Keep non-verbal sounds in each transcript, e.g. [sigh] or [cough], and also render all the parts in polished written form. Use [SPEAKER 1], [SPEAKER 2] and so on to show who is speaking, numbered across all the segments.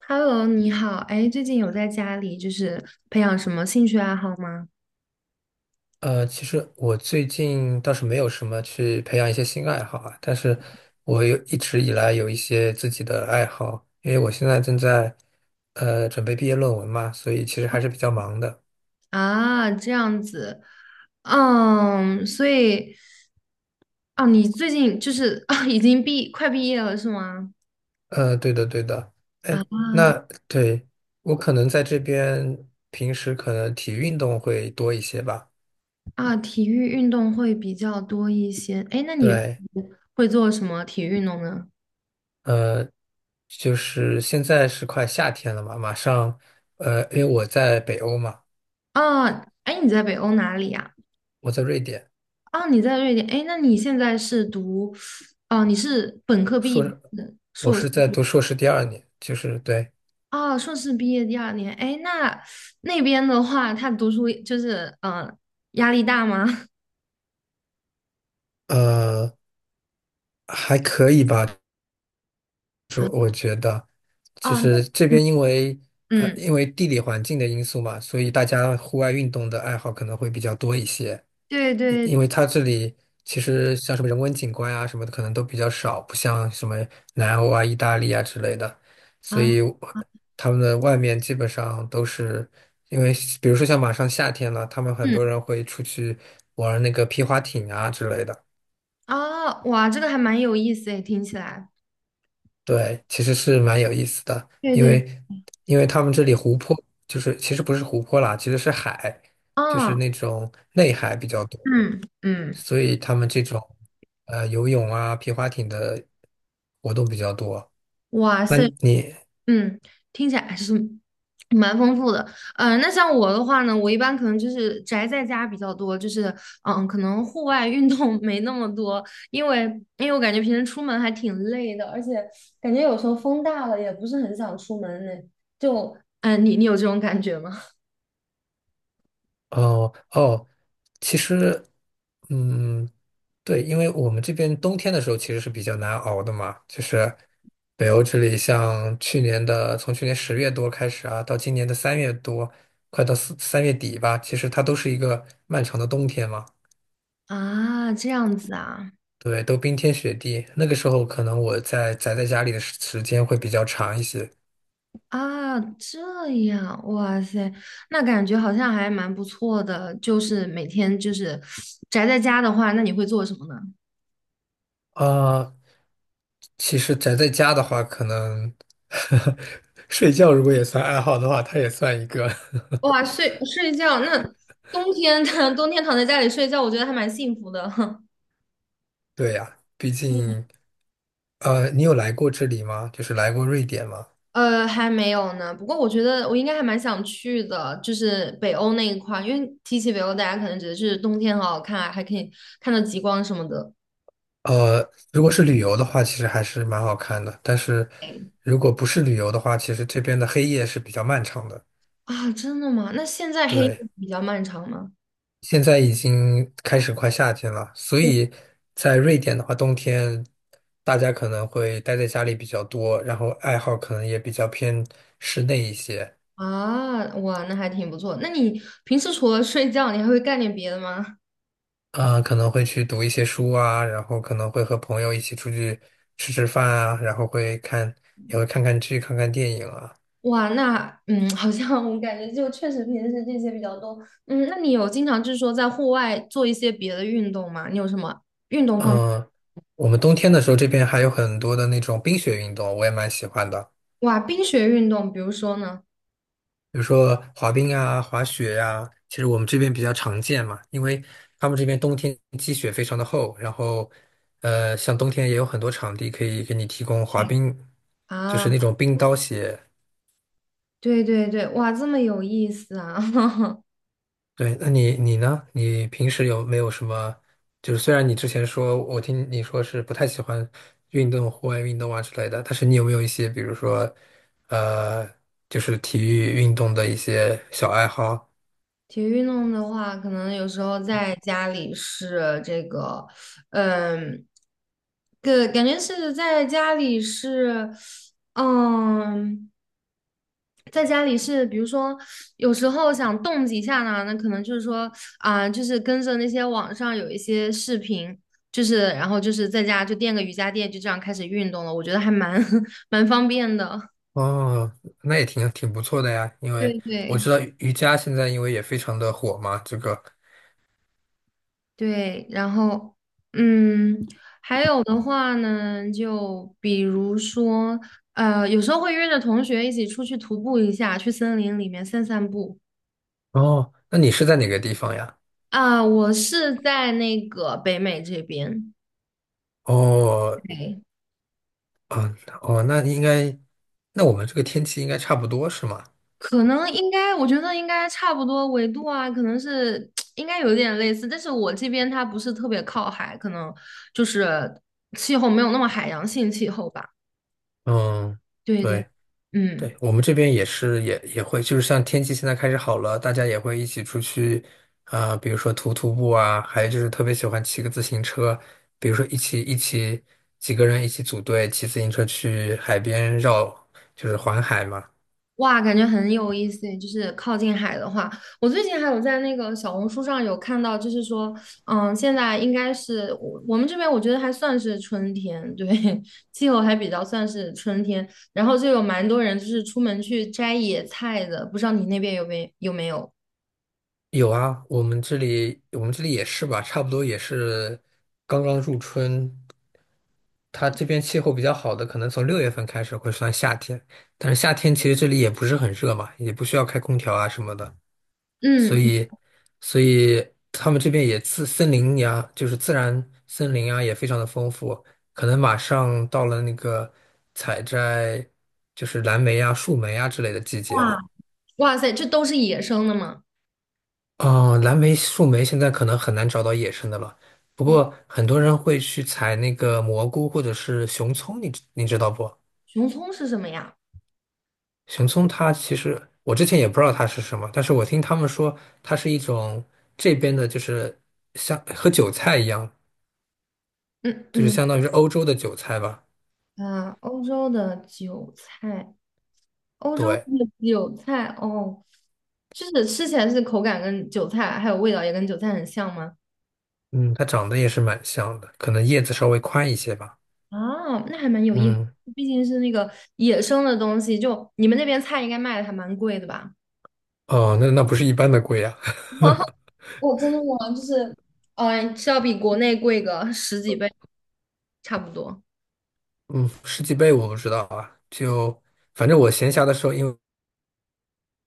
[SPEAKER 1] Hello，你好，哎，最近有在家里就是培养什么兴趣爱好吗？
[SPEAKER 2] 其实我最近倒是没有什么去培养一些新爱好啊，但是我有一直以来有一些自己的爱好，因为我现在正在准备毕业论文嘛，所以其实还是比较忙的。
[SPEAKER 1] 啊，这样子，嗯，所以，哦，你最近就是 [laughs] 啊，已经快毕业了是吗？
[SPEAKER 2] 对的，对的。
[SPEAKER 1] 啊
[SPEAKER 2] 哎，那对，我可能在这边平时可能体育运动会多一些吧。
[SPEAKER 1] 啊，体育运动会比较多一些，哎，那你
[SPEAKER 2] 对，
[SPEAKER 1] 会做什么体育运动呢？
[SPEAKER 2] 呃，就是现在是快夏天了嘛，马上，因为我在北欧嘛，
[SPEAKER 1] 啊，哎，你在北欧哪里呀？
[SPEAKER 2] 我在瑞典。
[SPEAKER 1] 啊，你在瑞典，哎，那你现在是读，哦，你是本科毕
[SPEAKER 2] 硕
[SPEAKER 1] 业
[SPEAKER 2] 士，
[SPEAKER 1] 还是
[SPEAKER 2] 我
[SPEAKER 1] 硕士？
[SPEAKER 2] 是在读硕士第二年，就是对，
[SPEAKER 1] 哦，硕士毕业第二年，哎，那边的话，他读书就是，压力大吗？[laughs]
[SPEAKER 2] 呃，还可以吧。
[SPEAKER 1] 啊，
[SPEAKER 2] 就
[SPEAKER 1] 哦，那
[SPEAKER 2] 是这
[SPEAKER 1] 嗯，
[SPEAKER 2] 边因为
[SPEAKER 1] 嗯
[SPEAKER 2] 因为地理环境的因素嘛，所以大家户外运动的爱好可能会比较多一些。
[SPEAKER 1] 对
[SPEAKER 2] 因
[SPEAKER 1] 对
[SPEAKER 2] 因为它这里其实像什么人文景观啊什么的，可能都比较少，不像什么南欧啊、意大利啊之类的，
[SPEAKER 1] 啊，
[SPEAKER 2] 所以我
[SPEAKER 1] 啊
[SPEAKER 2] 他们的外面基本上都是因为，比如说像马上夏天了，他们很
[SPEAKER 1] 嗯，
[SPEAKER 2] 多人会出去玩那个皮划艇啊之类的。
[SPEAKER 1] 啊，哇，这个还蛮有意思诶，听起来，
[SPEAKER 2] 对，其实是蛮有意思的，
[SPEAKER 1] 对
[SPEAKER 2] 因
[SPEAKER 1] 对，
[SPEAKER 2] 为因为他们这里湖泊就是其实不是湖泊啦，其实是海，就是
[SPEAKER 1] 啊，
[SPEAKER 2] 那种内海比较多，
[SPEAKER 1] 嗯嗯，
[SPEAKER 2] 所以他们这种游泳啊、皮划艇的活动比较多。
[SPEAKER 1] 哇
[SPEAKER 2] 那
[SPEAKER 1] 塞，
[SPEAKER 2] 你
[SPEAKER 1] 嗯，听起来还是蛮丰富的。那像我的话呢，我一般可能就是宅在家比较多，就是可能户外运动 [laughs] 没那么多，因为因为我感觉平时出门还挺累的，而且感觉有时候风大了也不是很想出门呢。就，你有这种感觉吗？[laughs]
[SPEAKER 2] 哦哦，其实，嗯，对，因为我们这边冬天的时候其实是比较难熬的嘛，就是北欧这里，像去年的从去年10月多开始啊，到今年的三月多，快到四三月底吧，其实它都是一个漫长的冬天嘛，
[SPEAKER 1] 啊，这样子啊，
[SPEAKER 2] 对，都冰天雪地。那个时候可能我在宅在家里的时间会比较长一些
[SPEAKER 1] 啊，这样，哇塞，那感觉好像还蛮不错的。就是每天就是宅在家的话，那你会做什么呢？
[SPEAKER 2] 啊，其实宅在家的话，可能 [laughs] 睡觉如果也算爱好的话，它也算一个。[laughs]
[SPEAKER 1] 哇，睡觉，那冬天 [laughs] 冬天躺在家里睡觉，我觉得还蛮幸福的。[laughs]
[SPEAKER 2] 对呀，毕竟，你有来过这里吗？就是来过瑞典吗？
[SPEAKER 1] 还没有呢，不过我觉得我应该还蛮想去的，就是北欧那一块儿，因为提起北欧，大家可能觉得是冬天好好看啊，还可以看到极光什么的
[SPEAKER 2] 如果是旅游的话，其实还是蛮好看的。但是，如果不是旅游的话，其实这边的黑夜是比较漫长的。
[SPEAKER 1] 啊。真的吗？那现在黑夜
[SPEAKER 2] 对，
[SPEAKER 1] 比较漫长吗？
[SPEAKER 2] 现在已经开始快夏天了，所以在瑞典的话，冬天大家可能会待在家里比较多，然后爱好可能也比较偏室内一些。
[SPEAKER 1] 啊，哇，那还挺不错。那你平时除了睡觉，你还会干点别的吗？
[SPEAKER 2] 啊，可能会去读一些书啊，然后可能会和朋友一起出去吃饭啊，然后会看，也会看看剧、看看电影啊。
[SPEAKER 1] 哇，那好像我感觉就确实平时这些比较多。嗯，那你有经常就是说在户外做一些别的运动吗？你有什么运动方面？
[SPEAKER 2] 嗯，我们冬天的时候这边还有很多的那种冰雪运动，我也蛮喜欢的，
[SPEAKER 1] 哇，冰雪运动，比如说呢？
[SPEAKER 2] 比如说滑冰啊、滑雪呀、其实我们这边比较常见嘛，因为他们这边冬天积雪非常的厚，然后像冬天也有很多场地可以给你提供滑冰，就是
[SPEAKER 1] 啊，
[SPEAKER 2] 那种冰刀鞋。
[SPEAKER 1] 对对对，哇，这么有意思啊！[laughs]
[SPEAKER 2] 对，那你呢？你平时有没有什么？就是虽然你之前说，我听你说是不太喜欢运动、户外运动啊之类的，但是你有没有一些，比如说，呃，就是体育运动的一些小爱好？
[SPEAKER 1] 体育运动的话，可能有时候在家里是这个，嗯，个感觉是在家里是，嗯。在家里是，比如说有时候想动几下呢，那可能就是说就是跟着那些网上有一些视频，就是然后就是在家就垫个瑜伽垫，就这样开始运动了。我觉得还蛮 [laughs] 蛮方便的。
[SPEAKER 2] 哦，那也挺不错的呀，因为
[SPEAKER 1] 对
[SPEAKER 2] 我知
[SPEAKER 1] 对
[SPEAKER 2] 道瑜伽现在因为也非常的火嘛，这个。
[SPEAKER 1] 对，然后嗯，还有的话呢，就比如说有时候会约着同学一起出去徒步一下，去森林里面散散步。
[SPEAKER 2] 哦，那你是在哪个地方呀？
[SPEAKER 1] 啊、我是在那个北美这边。
[SPEAKER 2] 哦，
[SPEAKER 1] 对，
[SPEAKER 2] 嗯，哦，那应该，那我们这个天气应该差不多是吗？
[SPEAKER 1] 可能应该，我觉得应该差不多纬度啊，可能是 [tsk] 应该有点类似，但是我这边它不是特别靠海，可能就是气候没有那么海洋性气候吧。
[SPEAKER 2] 嗯。
[SPEAKER 1] 对对，
[SPEAKER 2] 对。对，
[SPEAKER 1] 嗯。
[SPEAKER 2] 我们这边也是，也会，就是像天气现在开始好了，大家也会一起出去，啊、比如说徒步啊，还有就是特别喜欢骑个自行车，比如说一起几个人一起组队骑自行车去海边绕，就是环海嘛。
[SPEAKER 1] 哇，感觉很有意思诶，就是靠近海的话，我最近还有在那个小红书上有看到，就是说，嗯，现在应该是我们这边，我觉得还算是春天，对，[laughs] 气候还比较算是春天，然后就有蛮多人就是出门去摘野菜的，不知道你那边有没有？
[SPEAKER 2] 有啊，我们这里也是吧，差不多也是刚刚入春，它这边气候比较好的，可能从6月份开始会算夏天，但是夏天其实这里也不是很热嘛，也不需要开空调啊什么的。所
[SPEAKER 1] 嗯，
[SPEAKER 2] 以，所以他们这边也自森林呀，就是自然森林啊，也非常的丰富。可能马上到了那个采摘，就是蓝莓啊、树莓啊之类的季节
[SPEAKER 1] 哇
[SPEAKER 2] 了。
[SPEAKER 1] 哇塞，这都是野生的吗？
[SPEAKER 2] 哦，蓝莓、树莓现在可能很难找到野生的了。不过很多人会去采那个蘑菇或者是熊葱，你知道不？
[SPEAKER 1] 熊葱是什么呀？
[SPEAKER 2] 熊葱它其实我之前也不知道它是什么，但是我听他们说它是一种这边的，就是像和韭菜一样。
[SPEAKER 1] 嗯
[SPEAKER 2] 就是
[SPEAKER 1] 嗯，
[SPEAKER 2] 相当于是欧洲的韭菜吧。
[SPEAKER 1] 啊，欧洲的韭菜。欧洲它
[SPEAKER 2] 对，
[SPEAKER 1] 的韭菜哦，就是吃起来是口感跟韭菜，还有味道也跟韭菜很像吗？
[SPEAKER 2] 嗯它长得也是蛮像的，可能叶子稍微宽一些吧。
[SPEAKER 1] 啊，那还蛮有意思，
[SPEAKER 2] 嗯，
[SPEAKER 1] 毕竟是那个野生的东西，就你们那边菜应该卖的还蛮贵的吧？
[SPEAKER 2] 哦，那那不是一般的贵啊。
[SPEAKER 1] [laughs]
[SPEAKER 2] [laughs]
[SPEAKER 1] 我真的吗？就是，是要比国内贵个十几倍，差不多。
[SPEAKER 2] 嗯，十几倍我不知道啊。就反正我闲暇的时候，因为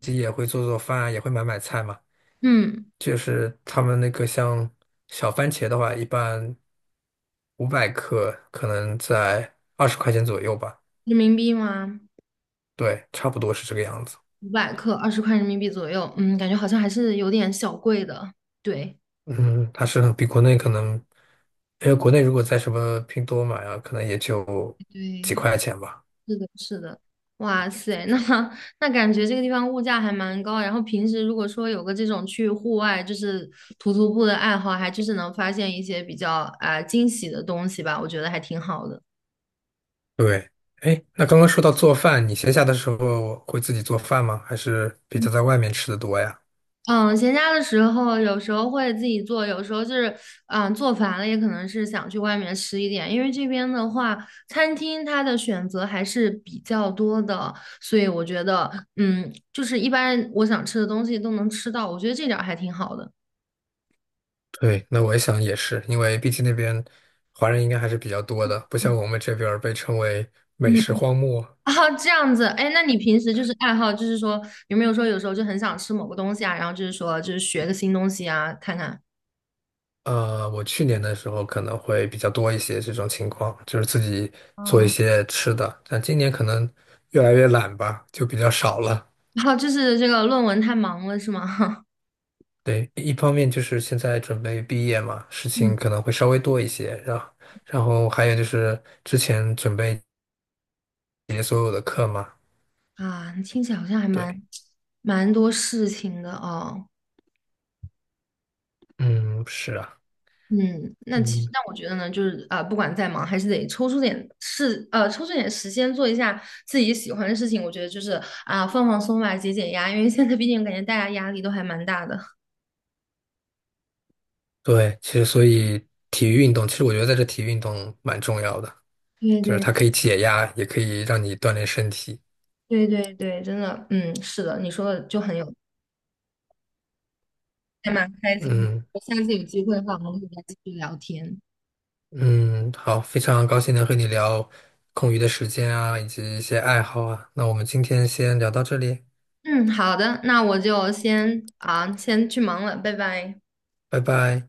[SPEAKER 2] 自己也会做饭啊，也会买菜嘛。
[SPEAKER 1] 嗯，
[SPEAKER 2] 就是他们那个像小番茄的话，一般500克可能在20块钱左右吧。
[SPEAKER 1] 人民币吗？
[SPEAKER 2] 对，差不多是这个样子。
[SPEAKER 1] 500克，20块人民币左右。嗯，感觉好像还是有点小贵的。对，
[SPEAKER 2] 嗯，它是比国内可能，因为国内如果在什么拼多多买啊，可能也就几
[SPEAKER 1] 对，
[SPEAKER 2] 块钱吧。
[SPEAKER 1] 是的，是的，哇塞，那 [laughs] 那感觉这个地方物价还蛮高啊。然后平时如果说有个这种去户外就是徒步的爱好，还就是能发现一些比较惊喜的东西吧，我觉得还挺好的。
[SPEAKER 2] 对，哎，那刚刚说到做饭，你闲暇的时候会自己做饭吗？还是比较在外面吃的多呀？
[SPEAKER 1] 嗯，闲暇的时候有时候会自己做，有时候就是做烦了，也可能是想去外面吃一点。因为这边的话，餐厅它的选择还是比较多的，所以我觉得就是一般我想吃的东西都能吃到，我觉得这点儿还挺好的。
[SPEAKER 2] 对，那我也想也是，因为毕竟那边华人应该还是比较多的，不像我们这边儿被称为
[SPEAKER 1] 嗯，
[SPEAKER 2] 美食荒
[SPEAKER 1] [laughs]
[SPEAKER 2] 漠。
[SPEAKER 1] 啊，这样子，哎，那你平时就是爱好，就是说有没有说有时候就很想吃某个东西啊，然后就是说就是学个新东西啊，看看，
[SPEAKER 2] 我去年的时候可能会比较多一些这种情况，就是自己做
[SPEAKER 1] 啊，
[SPEAKER 2] 一些吃的，但今年可能越来越懒吧，就比较少了。
[SPEAKER 1] [laughs] 然后就是这个论文太忙了是吗？
[SPEAKER 2] 对，一方面就是现在准备毕业嘛，事
[SPEAKER 1] [laughs] 嗯，
[SPEAKER 2] 情可能会稍微多一些，然后，然后还有就是之前准备结所有的课嘛，
[SPEAKER 1] 啊，听起来好像还蛮
[SPEAKER 2] 对，
[SPEAKER 1] 蛮多事情的哦。
[SPEAKER 2] 嗯，是啊，
[SPEAKER 1] 嗯，那其实
[SPEAKER 2] 嗯，
[SPEAKER 1] 那我觉得呢，就是不管再忙，还是得抽出点事，抽出点时间做一下自己喜欢的事情。我觉得就是放松吧，解压，因为现在毕竟感觉大家压力都还蛮大的。
[SPEAKER 2] 对，其实所以体育运动，其实我觉得在这体育运动蛮重要的，
[SPEAKER 1] 对
[SPEAKER 2] 就是
[SPEAKER 1] 对。
[SPEAKER 2] 它可以解压，也可以让你锻炼身体，
[SPEAKER 1] 对对对，真的，嗯，是的，你说的就很有，还蛮开心的。
[SPEAKER 2] 嗯
[SPEAKER 1] 我下次有机会的话，我们会再继续聊天。
[SPEAKER 2] 嗯，好，非常高兴能和你聊空余的时间啊，以及一些爱好啊，那我们今天先聊到这里，
[SPEAKER 1] 嗯，好的，那我就先去忙了，拜拜。
[SPEAKER 2] 拜拜。